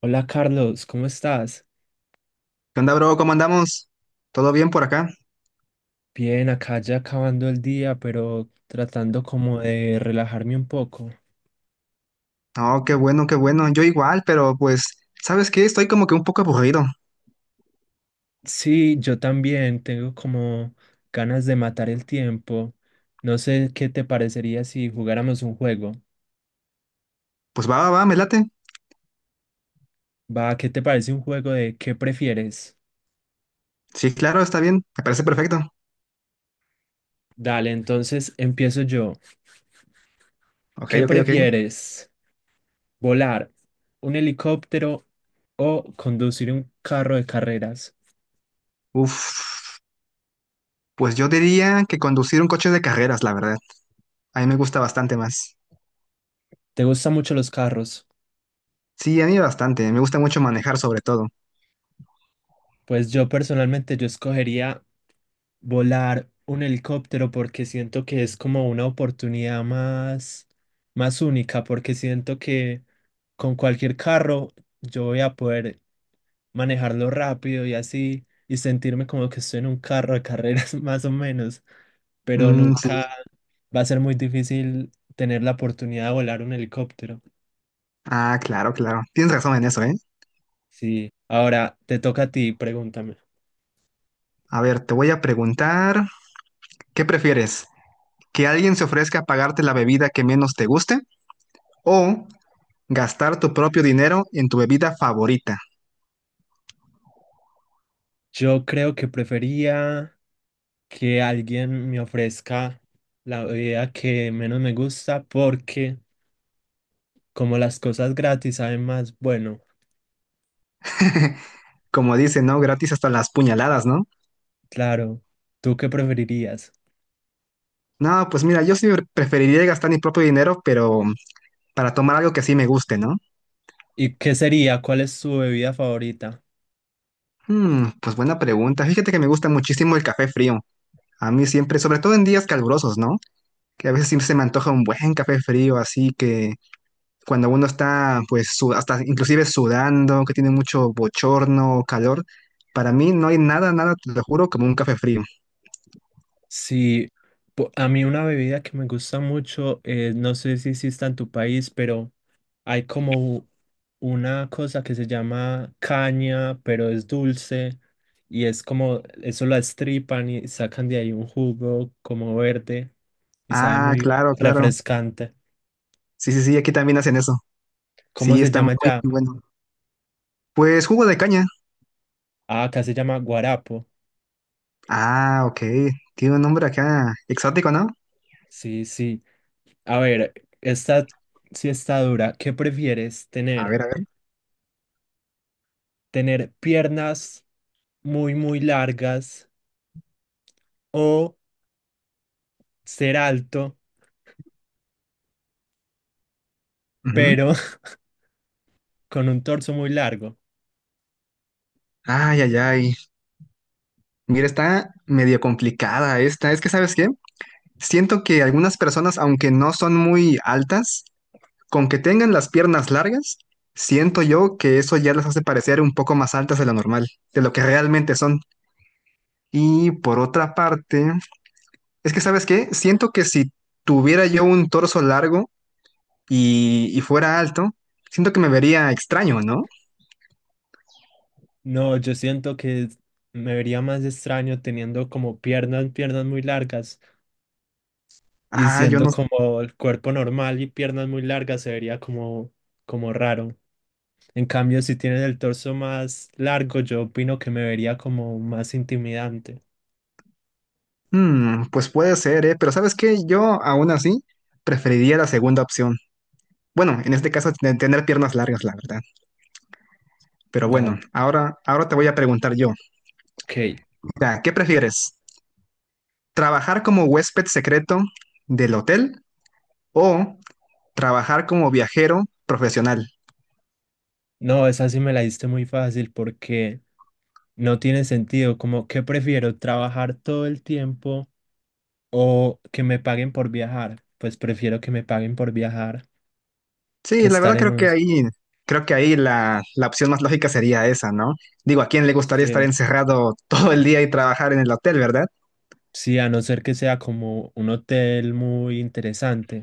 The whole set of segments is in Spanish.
Hola Carlos, ¿cómo estás? ¿Qué onda, bro? ¿Cómo andamos? ¿Todo bien por acá? Bien, acá ya acabando el día, pero tratando como de relajarme un poco. Oh, qué bueno, qué bueno. Yo igual, pero pues, ¿sabes qué? Estoy como que un poco aburrido. Sí, yo también tengo como ganas de matar el tiempo. No sé qué te parecería si jugáramos un juego. Pues va, va, va, me late. Va, ¿qué te parece un juego de qué prefieres? Sí, claro, está bien. Me parece perfecto. Dale, entonces empiezo yo. Ok, ¿Qué ok, ok. prefieres? ¿Volar un helicóptero o conducir un carro de carreras? Uf, pues yo diría que conducir un coche de carreras, la verdad. A mí me gusta bastante más. ¿Te gustan mucho los carros? Sí, a mí bastante. Me gusta mucho manejar sobre todo. Pues yo personalmente yo escogería volar un helicóptero porque siento que es como una oportunidad más, más única, porque siento que con cualquier carro yo voy a poder manejarlo rápido y así y sentirme como que estoy en un carro de carreras más o menos, pero Mm, nunca sí. va a ser muy difícil tener la oportunidad de volar un helicóptero. Ah, claro, claro. Tienes razón en eso, ¿eh? Sí, ahora te toca a ti, pregúntame. A ver, te voy a preguntar, ¿qué prefieres? ¿Que alguien se ofrezca a pagarte la bebida que menos te guste? ¿O gastar tu propio dinero en tu bebida favorita? Yo creo que prefería que alguien me ofrezca la bebida que menos me gusta porque como las cosas gratis saben más, bueno, Como dice, ¿no? Gratis hasta las puñaladas, ¿no? claro, ¿tú qué preferirías? No, pues mira, yo sí preferiría gastar mi propio dinero, pero para tomar algo que sí me guste, ¿no? ¿Y qué sería? ¿Cuál es tu bebida favorita? Hmm, pues buena pregunta. Fíjate que me gusta muchísimo el café frío. A mí siempre, sobre todo en días calurosos, ¿no? Que a veces siempre se me antoja un buen café frío, así que cuando uno está, pues, hasta inclusive sudando, que tiene mucho bochorno, calor, para mí no hay nada, nada, te lo juro, como un café frío. Si a mí una bebida que me gusta mucho, no sé si exista en tu país, pero hay como una cosa que se llama caña, pero es dulce. Y es como, eso la estripan y sacan de ahí un jugo como verde. Y sabe Ah, muy bien, claro, claro. refrescante. Sí, sí, sí, aquí también hacen eso. ¿Cómo Sí, se está muy, llama ya? muy bueno. Pues jugo de caña. Ah, acá se llama guarapo. Ah, ok. Tiene un nombre acá exótico, ¿no? Sí, sí. A ver, esta sí está dura. ¿Qué prefieres A tener? ver, a ver. ¿Tener piernas muy, muy largas o ser alto, Ujú. pero con un torso muy largo? Ay, ay, ay. Mira, está medio complicada esta. Es que, ¿sabes qué? Siento que algunas personas, aunque no son muy altas, con que tengan las piernas largas, siento yo que eso ya las hace parecer un poco más altas de lo normal, de lo que realmente son. Y por otra parte, es que, ¿sabes qué? Siento que si tuviera yo un torso largo, y fuera alto, siento que me vería extraño, ¿no? No, yo siento que me vería más extraño teniendo como piernas, piernas muy largas y Ah, yo siendo no. como el cuerpo normal y piernas muy largas se vería como, como raro. En cambio, si tienes el torso más largo, yo opino que me vería como más intimidante. Mm, pues puede ser, ¿eh? Pero ¿sabes qué? Yo aún así preferiría la segunda opción. Bueno, en este caso, tener piernas largas, la verdad. Pero Dale. bueno, ahora te voy a preguntar yo. Ok. Mira, ¿qué prefieres? ¿Trabajar como huésped secreto del hotel o trabajar como viajero profesional? No, esa sí me la diste muy fácil porque no tiene sentido. Como qué prefiero trabajar todo el tiempo o que me paguen por viajar. Pues prefiero que me paguen por viajar que Sí, la estar verdad en un... creo que ahí la opción más lógica sería esa, ¿no? Digo, ¿a quién le gustaría estar Sí. encerrado todo el día y trabajar en el hotel, verdad? Sí, a no ser que sea como un hotel muy interesante.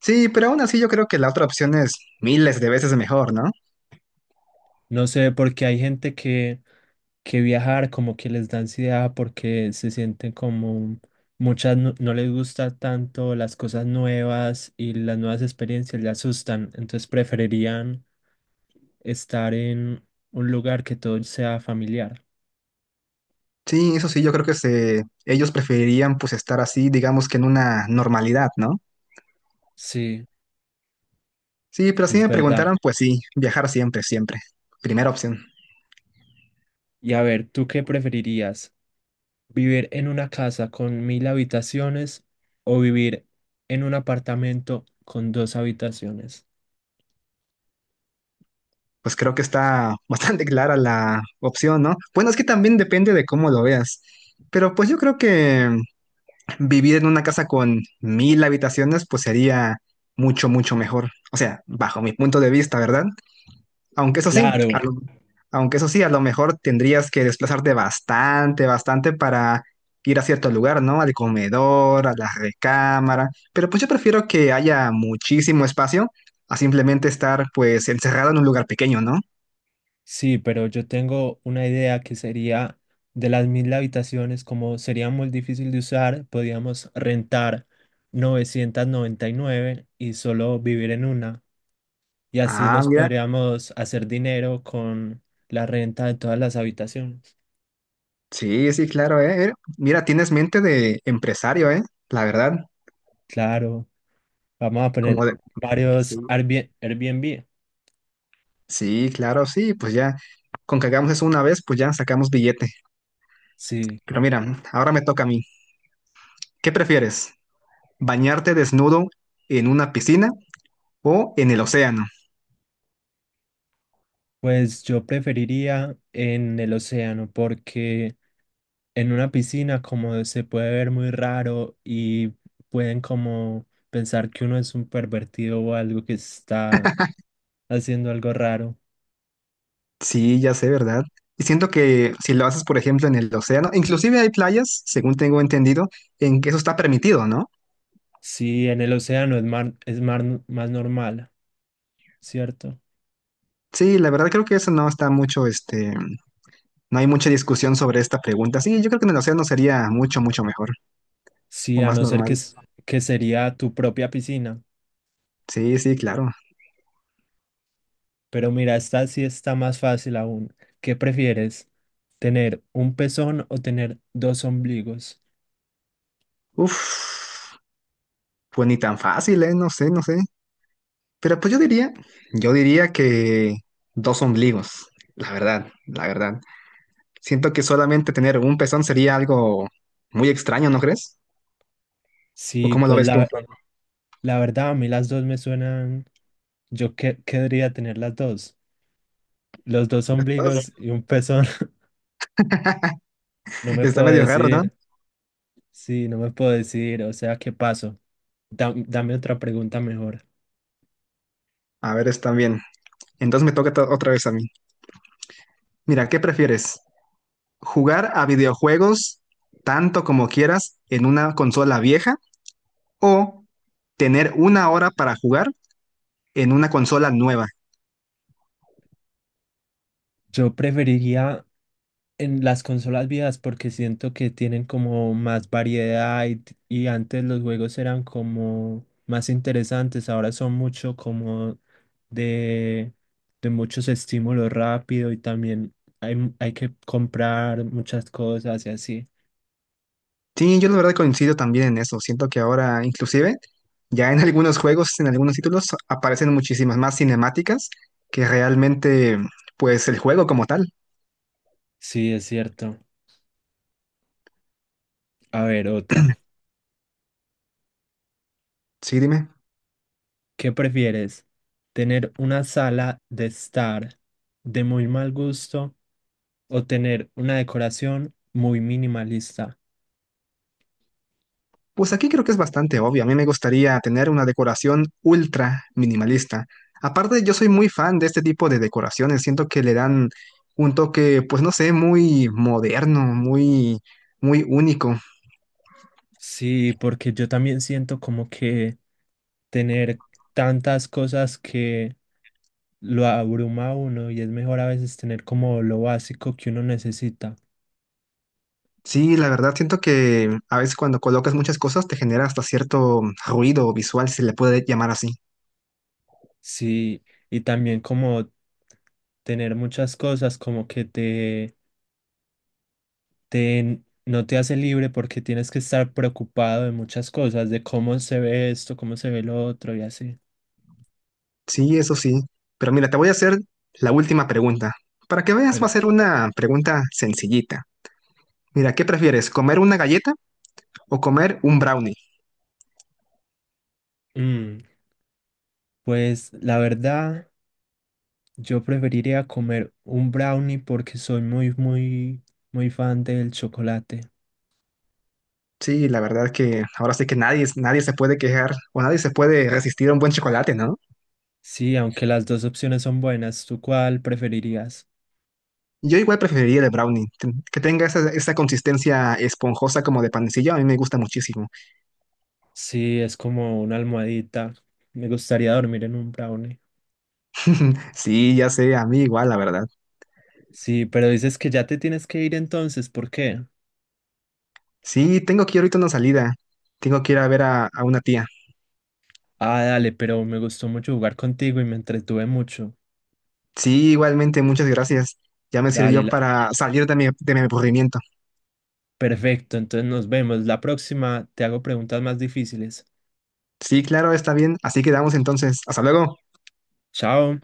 Sí, pero aún así yo creo que la otra opción es miles de veces mejor, ¿no? No sé, porque hay gente que viajar, como que les da ansiedad porque se sienten como muchas no les gusta tanto las cosas nuevas y las nuevas experiencias les asustan, entonces preferirían estar en un lugar que todo sea familiar. Sí, eso sí, yo creo que ellos preferirían pues estar así, digamos que en una normalidad, ¿no? Sí, Sí, pero si es me verdad. preguntaran, pues sí, viajar siempre, siempre. Primera opción. Y a ver, ¿tú qué preferirías? ¿Vivir en una casa con mil habitaciones o vivir en un apartamento con dos habitaciones? Pues creo que está bastante clara la opción, ¿no? Bueno, es que también depende de cómo lo veas. Pero pues yo creo que vivir en una casa con mil habitaciones pues sería mucho, mucho mejor. O sea, bajo mi punto de vista, ¿verdad? Aunque eso sí, a Claro. lo- aunque eso sí, a lo mejor tendrías que desplazarte bastante, bastante para ir a cierto lugar, ¿no? Al comedor, a la recámara. Pero pues yo prefiero que haya muchísimo espacio a simplemente estar pues encerrado en un lugar pequeño, ¿no? Sí, pero yo tengo una idea que sería de las mil habitaciones, como sería muy difícil de usar, podíamos rentar 999 y nueve y solo vivir en una. Y así Ah, nos mira, podríamos hacer dinero con la renta de todas las habitaciones. sí, sí, claro, eh. Mira, mira, tienes mente de empresario, la verdad. Claro, vamos a poner Como de, sí, varios Airbnb. Airbnb. sí, claro, sí, pues ya, con que hagamos eso una vez, pues ya sacamos billete. Sí, Pero mira, ahora me toca a mí. ¿Qué prefieres? ¿Bañarte desnudo en una piscina o en el océano? pues yo preferiría en el océano porque en una piscina como se puede ver muy raro y pueden como pensar que uno es un pervertido o algo que está haciendo algo raro. Sí, ya sé, ¿verdad? Y siento que si lo haces, por ejemplo, en el océano, inclusive hay playas, según tengo entendido, en que eso está permitido, ¿no? Si en el océano es más normal, ¿cierto? Sí, la verdad creo que eso no está mucho, no hay mucha discusión sobre esta pregunta. Sí, yo creo que en el océano sería mucho, mucho mejor Sí, o a más no ser que, normal. Que sería tu propia piscina. Sí, sí, claro. Pero mira, esta sí está más fácil aún. ¿Qué prefieres? ¿Tener un pezón o tener dos ombligos? Uf, pues ni tan fácil, ¿eh? No sé, no sé. Pero pues yo diría, yo diría que dos ombligos, la verdad, la verdad. Siento que solamente tener un pezón sería algo muy extraño, ¿no crees? ¿O Sí, cómo lo pues ves tú? La verdad a mí las dos me suenan... Yo querría tener las dos. Los dos ombligos y un pezón. No me Está puedo medio raro, ¿no? decidir. Sí, no me puedo decidir. O sea, ¿qué paso? Dame otra pregunta mejor. A ver, está bien. Entonces me toca otra vez a mí. Mira, ¿qué prefieres? Jugar a videojuegos tanto como quieras en una consola vieja o tener una hora para jugar en una consola nueva. Yo preferiría en las consolas viejas porque siento que tienen como más variedad y antes los juegos eran como más interesantes. Ahora son mucho como de, de muchos estímulos rápido y también hay, hay que comprar muchas cosas y así. Sí, yo la verdad coincido también en eso. Siento que ahora inclusive ya en algunos juegos, en algunos títulos aparecen muchísimas más cinemáticas que realmente pues el juego como tal. Sí, es cierto. A ver, otra. Sí, dime. ¿Qué prefieres? ¿Tener una sala de estar de muy mal gusto o tener una decoración muy minimalista? Pues aquí creo que es bastante obvio. A mí me gustaría tener una decoración ultra minimalista. Aparte, yo soy muy fan de este tipo de decoraciones. Siento que le dan un toque, pues no sé, muy moderno, muy, muy único. Sí, porque yo también siento como que tener tantas cosas que lo abruma a uno y es mejor a veces tener como lo básico que uno necesita. Sí, la verdad, siento que a veces cuando colocas muchas cosas te genera hasta cierto ruido visual, si se le puede llamar así. Sí, y también como tener muchas cosas como que no te hace libre porque tienes que estar preocupado de muchas cosas, de cómo se ve esto, cómo se ve lo otro y así. Sí, eso sí. Pero mira, te voy a hacer la última pregunta. Para que veas, va Pero, a ser una pregunta sencillita. Mira, ¿qué prefieres, comer una galleta o comer un brownie? mm, pues la verdad, yo preferiría comer un brownie porque soy muy, muy, muy fan del chocolate. Sí, la verdad que ahora sí que nadie, nadie se puede quejar o nadie se puede resistir a un buen chocolate, ¿no? Sí, aunque las dos opciones son buenas, ¿tú cuál preferirías? Yo igual preferiría el de brownie, que tenga esa, esa consistencia esponjosa como de panecillo, a mí me gusta muchísimo. Sí, es como una almohadita. Me gustaría dormir en un brownie. Sí, ya sé, a mí igual, la verdad. Sí, pero dices que ya te tienes que ir entonces, ¿por qué? Sí, tengo que ir ahorita a una salida, tengo que ir a ver a una tía. Ah, dale, pero me gustó mucho jugar contigo y me entretuve mucho. Sí, igualmente, muchas gracias. Ya me Dale, sirvió para salir de de mi aburrimiento. perfecto, entonces nos vemos. La próxima te hago preguntas más difíciles. Sí, claro, está bien, así quedamos entonces. Hasta luego. Chao.